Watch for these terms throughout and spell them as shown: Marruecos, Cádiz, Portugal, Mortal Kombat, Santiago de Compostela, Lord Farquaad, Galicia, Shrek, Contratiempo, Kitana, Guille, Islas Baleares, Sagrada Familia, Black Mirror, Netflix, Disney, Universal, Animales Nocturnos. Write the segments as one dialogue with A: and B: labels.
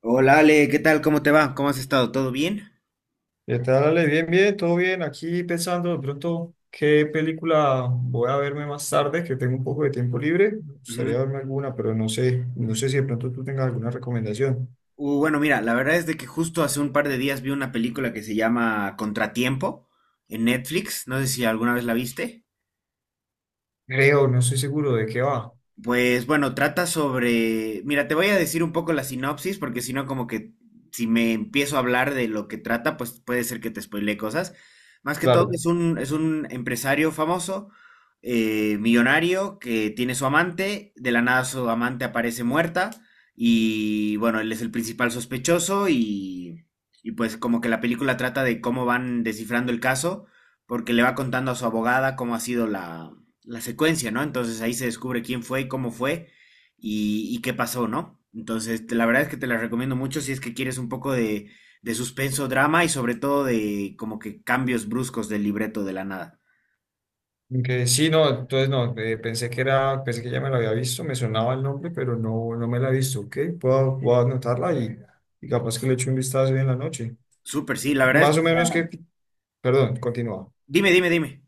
A: Hola Ale, ¿qué tal? ¿Cómo te va? ¿Cómo has estado? ¿Todo bien?
B: ¿Qué tal, Ale? Bien, bien, todo bien. Aquí pensando de pronto qué película voy a verme más tarde, que tengo un poco de tiempo libre. Me
A: Ujú.
B: gustaría verme alguna, pero no sé si de pronto tú tengas alguna recomendación.
A: Bueno, mira, la verdad es de que justo hace un par de días vi una película que se llama Contratiempo en Netflix. No sé si alguna vez la viste.
B: Creo, no estoy seguro de qué va.
A: Pues bueno, trata sobre... Mira, te voy a decir un poco la sinopsis, porque si no, como que si me empiezo a hablar de lo que trata, pues puede ser que te spoilee cosas. Más que todo,
B: Claro.
A: es un empresario famoso, millonario, que tiene su amante, de la nada su amante aparece muerta, y bueno, él es el principal sospechoso, y pues como que la película trata de cómo van descifrando el caso, porque le va contando a su abogada cómo ha sido la secuencia, ¿no? Entonces ahí se descubre quién fue y cómo fue y qué pasó, ¿no? Entonces, la verdad es que te la recomiendo mucho si es que quieres un poco de suspenso, drama y sobre todo de como que cambios bruscos del libreto de la nada.
B: Que sí, no, entonces no, pensé que ya me la había visto, me sonaba el nombre, pero no, no me la he visto, ¿ok? Puedo anotarla y capaz que le echo un vistazo hoy en la noche.
A: Súper, sí, la verdad es
B: Más
A: que...
B: o menos que, perdón, continúa.
A: Dime, dime, dime.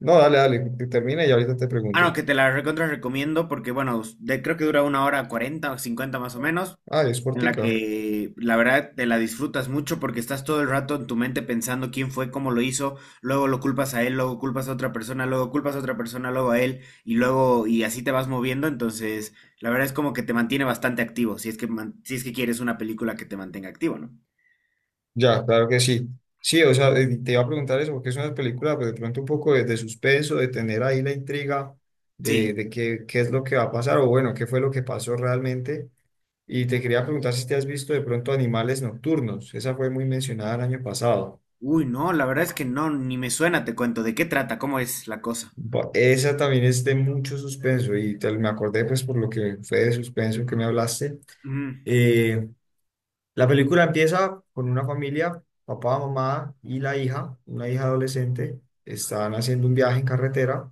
B: No, dale, dale, termina y ahorita te
A: Ah, no,
B: pregunto.
A: que te la recontra recomiendo porque, bueno, creo que dura una hora 40 o 50 más o menos,
B: Ah, es
A: en la
B: cortica.
A: que la verdad te la disfrutas mucho porque estás todo el rato en tu mente pensando quién fue, cómo lo hizo, luego lo culpas a él, luego culpas a otra persona, luego culpas a otra persona, luego a él y luego y así te vas moviendo, entonces la verdad es como que te mantiene bastante activo, si es que quieres una película que te mantenga activo, ¿no?
B: Ya, claro que sí. Sí, o sea, te iba a preguntar eso, porque es una película, pero de pronto un poco de, suspenso, de tener ahí la intriga
A: Sí.
B: de, qué es lo que va a pasar, o bueno, qué fue lo que pasó realmente. Y te quería preguntar si te has visto de pronto Animales Nocturnos. Esa fue muy mencionada el año pasado.
A: Uy, no, la verdad es que no, ni me suena, te cuento, ¿de qué trata? ¿Cómo es la cosa?
B: Esa también es de mucho suspenso, y me acordé pues por lo que fue de suspenso que me hablaste.
A: Mm,
B: Eh, La película empieza con una familia, papá, mamá y la hija, una hija adolescente, están haciendo un viaje en carretera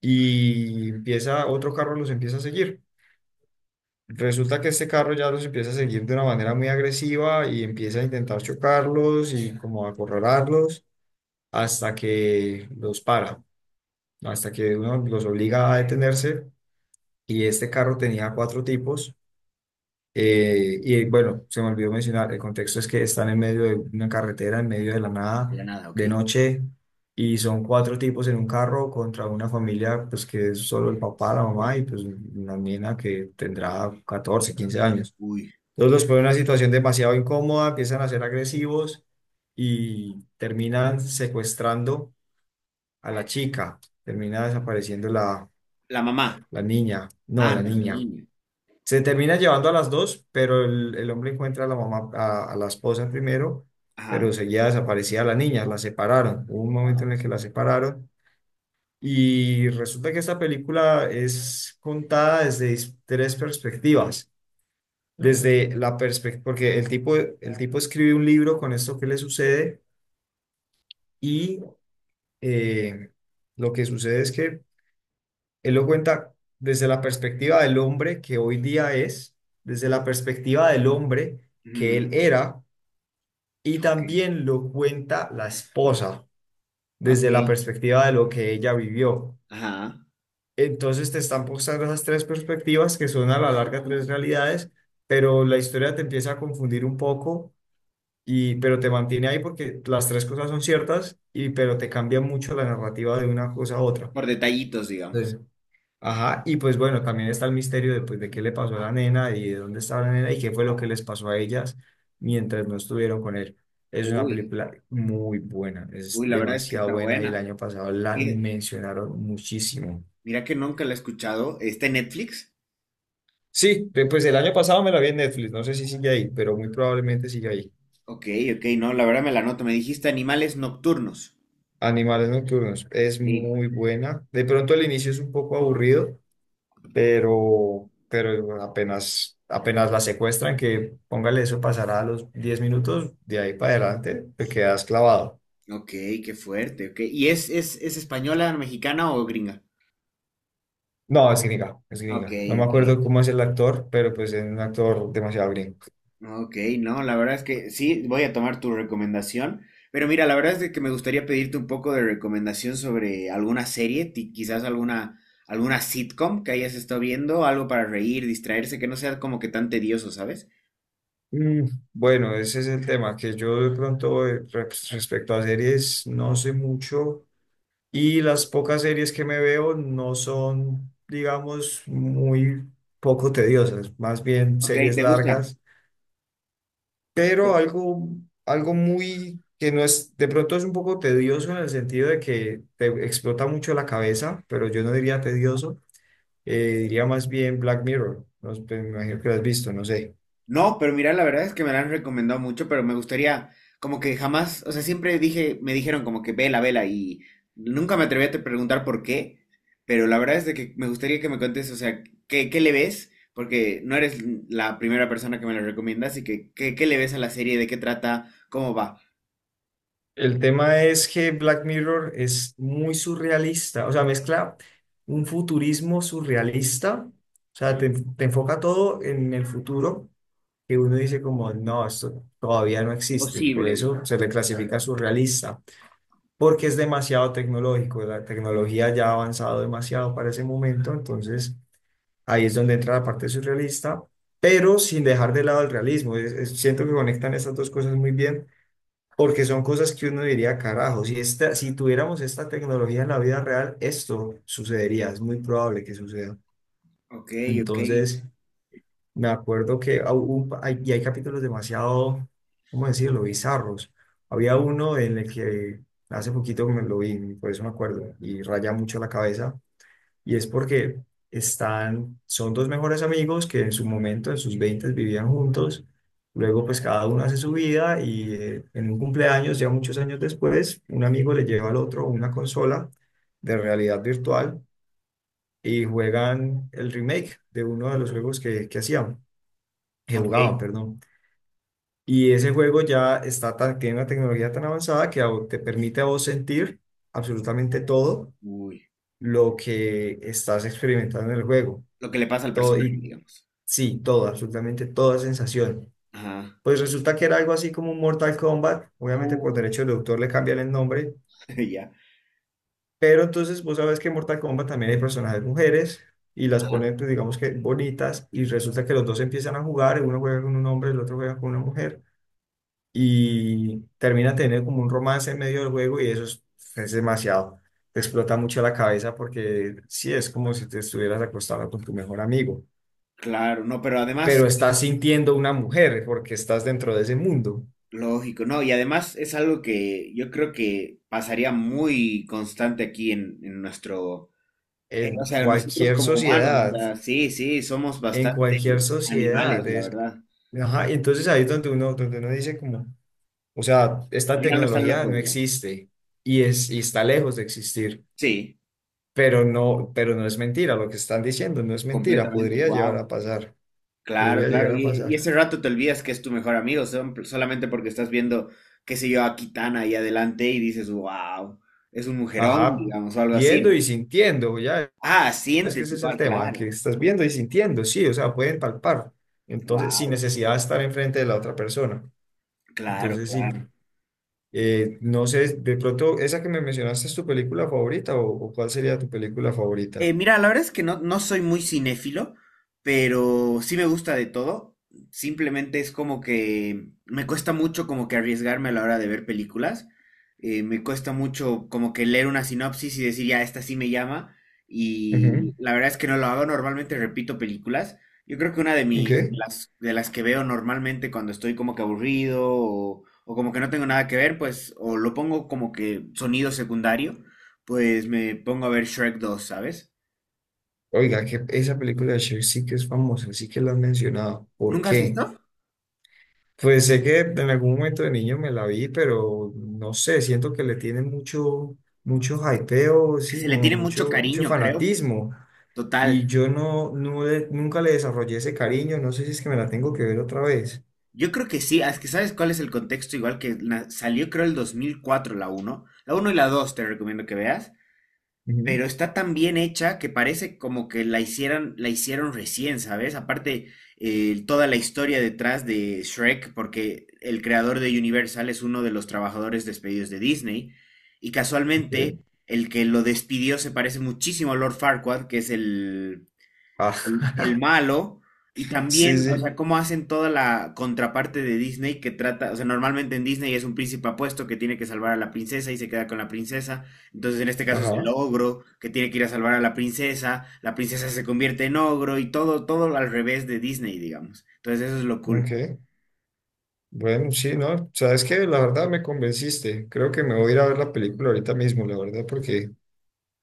B: y empieza otro carro los empieza a seguir. Resulta que este carro ya los empieza a seguir de una manera muy agresiva y empieza a intentar chocarlos y como a acorralarlos hasta que los para, hasta que uno los obliga a detenerse. Y este carro tenía cuatro tipos. Y bueno, se me olvidó mencionar, el contexto es que están en medio de una carretera, en medio de la
A: de la
B: nada,
A: nada, ok.
B: de noche, y son cuatro tipos en un carro contra una familia, pues que es solo el papá, la mamá y pues una nena que tendrá 14 15 años.
A: Uy.
B: Entonces los ponen en una situación demasiado incómoda, empiezan a ser agresivos y terminan secuestrando a la chica, termina desapareciendo
A: La mamá.
B: la niña, no,
A: Ah,
B: la
A: la
B: niña.
A: niña.
B: Se termina llevando a las dos, pero el hombre encuentra a la mamá, a la esposa primero,
A: Ajá.
B: pero seguía desaparecía la niña, la separaron. Hubo un momento
A: Wow.
B: en el que la separaron y resulta que esta película es contada desde tres perspectivas. Desde la perspectiva, porque el tipo escribe un libro con esto que le sucede y eh, lo que sucede es que él lo cuenta desde la perspectiva del hombre que hoy día es, desde la perspectiva del hombre que él
A: Mm,
B: era, y
A: ok.
B: también lo cuenta la esposa
A: Ok.
B: desde la perspectiva de lo que ella vivió.
A: Ajá,
B: Entonces te están mostrando esas tres perspectivas que son a la larga tres realidades, pero la historia te empieza a confundir un poco y pero te mantiene ahí porque las tres cosas son ciertas y pero te cambia mucho la narrativa de una cosa a otra.
A: por detallitos,
B: Sí.
A: digamos.
B: Ajá, y pues bueno, también está el misterio de, pues, de qué le pasó a la nena y de dónde estaba la nena y qué fue lo que les pasó a ellas mientras no estuvieron con él. Es una
A: Uy,
B: película muy buena, es
A: uy, la verdad es que
B: demasiado
A: está
B: buena y el
A: buena.
B: año pasado la
A: Y
B: mencionaron muchísimo.
A: mira que nunca la he escuchado. ¿Está en Netflix?
B: Sí, pues el año pasado me la vi en Netflix, no sé si sigue ahí, pero muy probablemente sigue ahí.
A: Ok, ok, no, la verdad me la noto. Me dijiste animales nocturnos.
B: Animales Nocturnos es
A: Sí.
B: muy buena. De pronto el inicio es un poco aburrido, pero apenas, apenas la secuestran, que póngale eso, pasará a los 10 minutos, de ahí para adelante te quedas clavado.
A: Ok, qué fuerte, ok. ¿Y es española, mexicana o gringa?
B: No, es gringa, es
A: Ok,
B: gringa. No me
A: ok.
B: acuerdo cómo es el actor, pero pues es un actor demasiado gringo.
A: Ok, no, la verdad es que sí, voy a tomar tu recomendación, pero mira, la verdad es de que me gustaría pedirte un poco de recomendación sobre alguna serie, quizás alguna sitcom que hayas estado viendo, algo para reír, distraerse, que no sea como que tan tedioso, ¿sabes?
B: Mm, bueno, ese es el tema, que yo de pronto respecto a series no sé mucho y las pocas series que me veo no son, digamos, muy poco tediosas, más bien
A: Ok,
B: series
A: ¿te gusta?
B: largas pero algo, muy que no es, de pronto es un poco tedioso en el sentido de que te explota mucho la cabeza, pero yo no diría tedioso, diría más bien Black Mirror. No, sé, me imagino que lo has visto, no sé.
A: No, pero mira, la verdad es que me la han recomendado mucho, pero me gustaría, como que jamás, o sea, siempre dije, me dijeron como que vela, vela, y nunca me atreví a te preguntar por qué, pero la verdad es de que me gustaría que me cuentes, o sea, ¿qué, qué le ves? Porque no eres la primera persona que me la recomienda, así que, ¿qué, qué le ves a la serie? ¿De qué trata? ¿Cómo va?
B: El tema es que Black Mirror es muy surrealista, o sea, mezcla un futurismo surrealista, o sea, te, enfoca todo en el futuro, que uno dice como, no, esto todavía no existe, por
A: Imposible,
B: eso se
A: digamos.
B: le clasifica surrealista porque es demasiado tecnológico, la tecnología ya ha avanzado demasiado para ese momento, entonces ahí es donde entra la parte surrealista, pero sin dejar de lado el realismo. Siento que conectan estas dos cosas muy bien, porque son cosas que uno diría, carajo, si tuviéramos esta tecnología en la vida real, esto sucedería, es muy probable que suceda.
A: Ok, ok,
B: Entonces, me acuerdo que hay capítulos demasiado, ¿cómo decirlo?, bizarros. Había uno en el que hace poquito me lo vi, por eso me acuerdo, y raya mucho la cabeza, y es porque están, son dos mejores amigos que en su momento, en sus veintes vivían juntos, luego pues cada uno hace su vida y en un cumpleaños, ya muchos años después, un amigo le lleva al otro una consola de realidad virtual y juegan el remake de uno de los juegos que hacían que
A: ok.
B: jugaban, perdón. Y ese juego ya está tan, tiene una tecnología tan avanzada que te permite a vos sentir absolutamente todo
A: Uy,
B: lo que estás experimentando en el juego.
A: lo que le pasa al
B: Todo,
A: personaje,
B: y
A: digamos.
B: sí, todo, absolutamente toda sensación.
A: Ajá.
B: Pues resulta que era algo así como un Mortal Kombat. Obviamente por
A: Uy,
B: derecho de autor le cambian el nombre.
A: ya.
B: Pero entonces vos sabes que en Mortal Kombat también hay personajes mujeres y las
A: Ajá.
B: ponen, pues, digamos que bonitas. Y resulta que los dos empiezan a jugar. Uno juega con un hombre, el otro juega con una mujer y termina teniendo como un romance en medio del juego y eso es demasiado. Te explota mucho la cabeza porque sí, es como si te estuvieras acostado con tu mejor amigo,
A: Claro, no, pero además.
B: pero estás sintiendo una mujer porque estás dentro de ese mundo.
A: Lógico, no, y además es algo que yo creo que pasaría muy constante aquí en nuestro,
B: En
A: o sea, nosotros
B: cualquier
A: como humanos, o
B: sociedad,
A: sea, sí, sí, somos
B: en cualquier
A: bastante animales,
B: sociedad
A: la
B: es...
A: verdad.
B: Ajá, y entonces ahí es donde uno dice como, o sea, esta
A: Al final no están
B: tecnología
A: locos,
B: no
A: ¿no?
B: existe y, es, y está lejos de existir.
A: Sí,
B: Pero no es mentira, lo que están diciendo no es mentira,
A: completamente,
B: podría llegar a
A: wow.
B: pasar,
A: Claro,
B: podría llegar
A: claro,
B: a
A: y
B: pasar.
A: ese rato te olvidas que es tu mejor amigo, solamente porque estás viendo, qué sé yo, a Kitana ahí adelante y dices, wow, es un mujerón,
B: Ajá,
A: digamos, o algo así,
B: viendo y
A: ¿no?
B: sintiendo, ya,
A: Ah,
B: es que
A: sientes
B: ese es el
A: igual,
B: tema,
A: claro,
B: que estás viendo y sintiendo, sí, o sea, pueden palpar, entonces, sin
A: wow,
B: necesidad de estar enfrente de la otra persona.
A: claro,
B: Entonces, sí,
A: claro.
B: no sé, de pronto, ¿esa que me mencionaste es tu película favorita o, cuál sería tu película favorita?
A: Mira, la verdad es que no, no soy muy cinéfilo, pero sí me gusta de todo. Simplemente es como que me cuesta mucho como que arriesgarme a la hora de ver películas. Me cuesta mucho como que leer una sinopsis y decir, ya, esta sí me llama.
B: Ujú,
A: Y la verdad es que no lo hago. Normalmente repito películas. Yo creo que una de mis, de
B: ok.
A: las, de las que veo normalmente cuando estoy como que aburrido o como que no tengo nada que ver, pues, o lo pongo como que sonido secundario, pues me pongo a ver Shrek 2, ¿sabes?
B: Oiga, que esa película de Cher sí que es famosa, sí que la han mencionado. ¿Por
A: ¿Nunca has
B: qué?
A: visto?
B: Pues sé que en algún momento de niño me la vi, pero no sé, siento que le tiene mucho, mucho hypeo,
A: Que
B: sí,
A: se le
B: como
A: tiene mucho
B: mucho, mucho
A: cariño, creo.
B: fanatismo. Y
A: Total.
B: yo no, nunca le desarrollé ese cariño, no sé si es que me la tengo que ver otra vez.
A: Yo creo que sí, es que sabes cuál es el contexto, igual que na- salió creo el 2004 la uno y la 2 te recomiendo que veas,
B: Ujú,
A: pero está tan bien hecha que parece como que la hicieran, la hicieron recién, ¿sabes? Aparte, toda la historia detrás de Shrek, porque el creador de Universal es uno de los trabajadores despedidos de Disney, y casualmente
B: ok.
A: el que lo despidió se parece muchísimo a Lord Farquaad, que es el, el,
B: Ah,
A: el malo, y
B: sí,
A: también, o
B: sí,
A: sea, cómo hacen toda la contraparte de Disney que trata, o sea, normalmente en Disney es un príncipe apuesto que tiene que salvar a la princesa y se queda con la princesa, entonces en este caso es el
B: ajá,
A: ogro que tiene que ir a salvar a la princesa se convierte en ogro y todo, todo al revés de Disney, digamos. Entonces eso es lo cool.
B: ok. Bueno, sí, no, sabes que la verdad me convenciste. Creo que me voy a ir a ver la película ahorita mismo, la verdad, porque,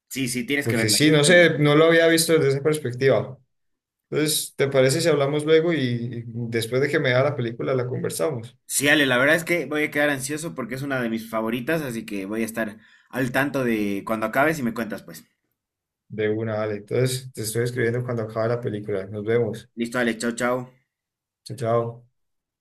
A: Sí, sí, tienes que
B: porque
A: verla.
B: sí,
A: Tienes
B: no
A: que verla.
B: sé, no lo había visto desde esa perspectiva. Entonces, ¿te parece si hablamos luego y después de que me vea la película la conversamos?
A: Sí, Ale, la verdad es que voy a quedar ansioso porque es una de mis favoritas, así que voy a estar al tanto de cuando acabes y me cuentas, pues.
B: De una, vale. Entonces, te estoy escribiendo cuando acabe la película. Nos vemos.
A: Listo, Ale, chao, chao.
B: Chao, chao.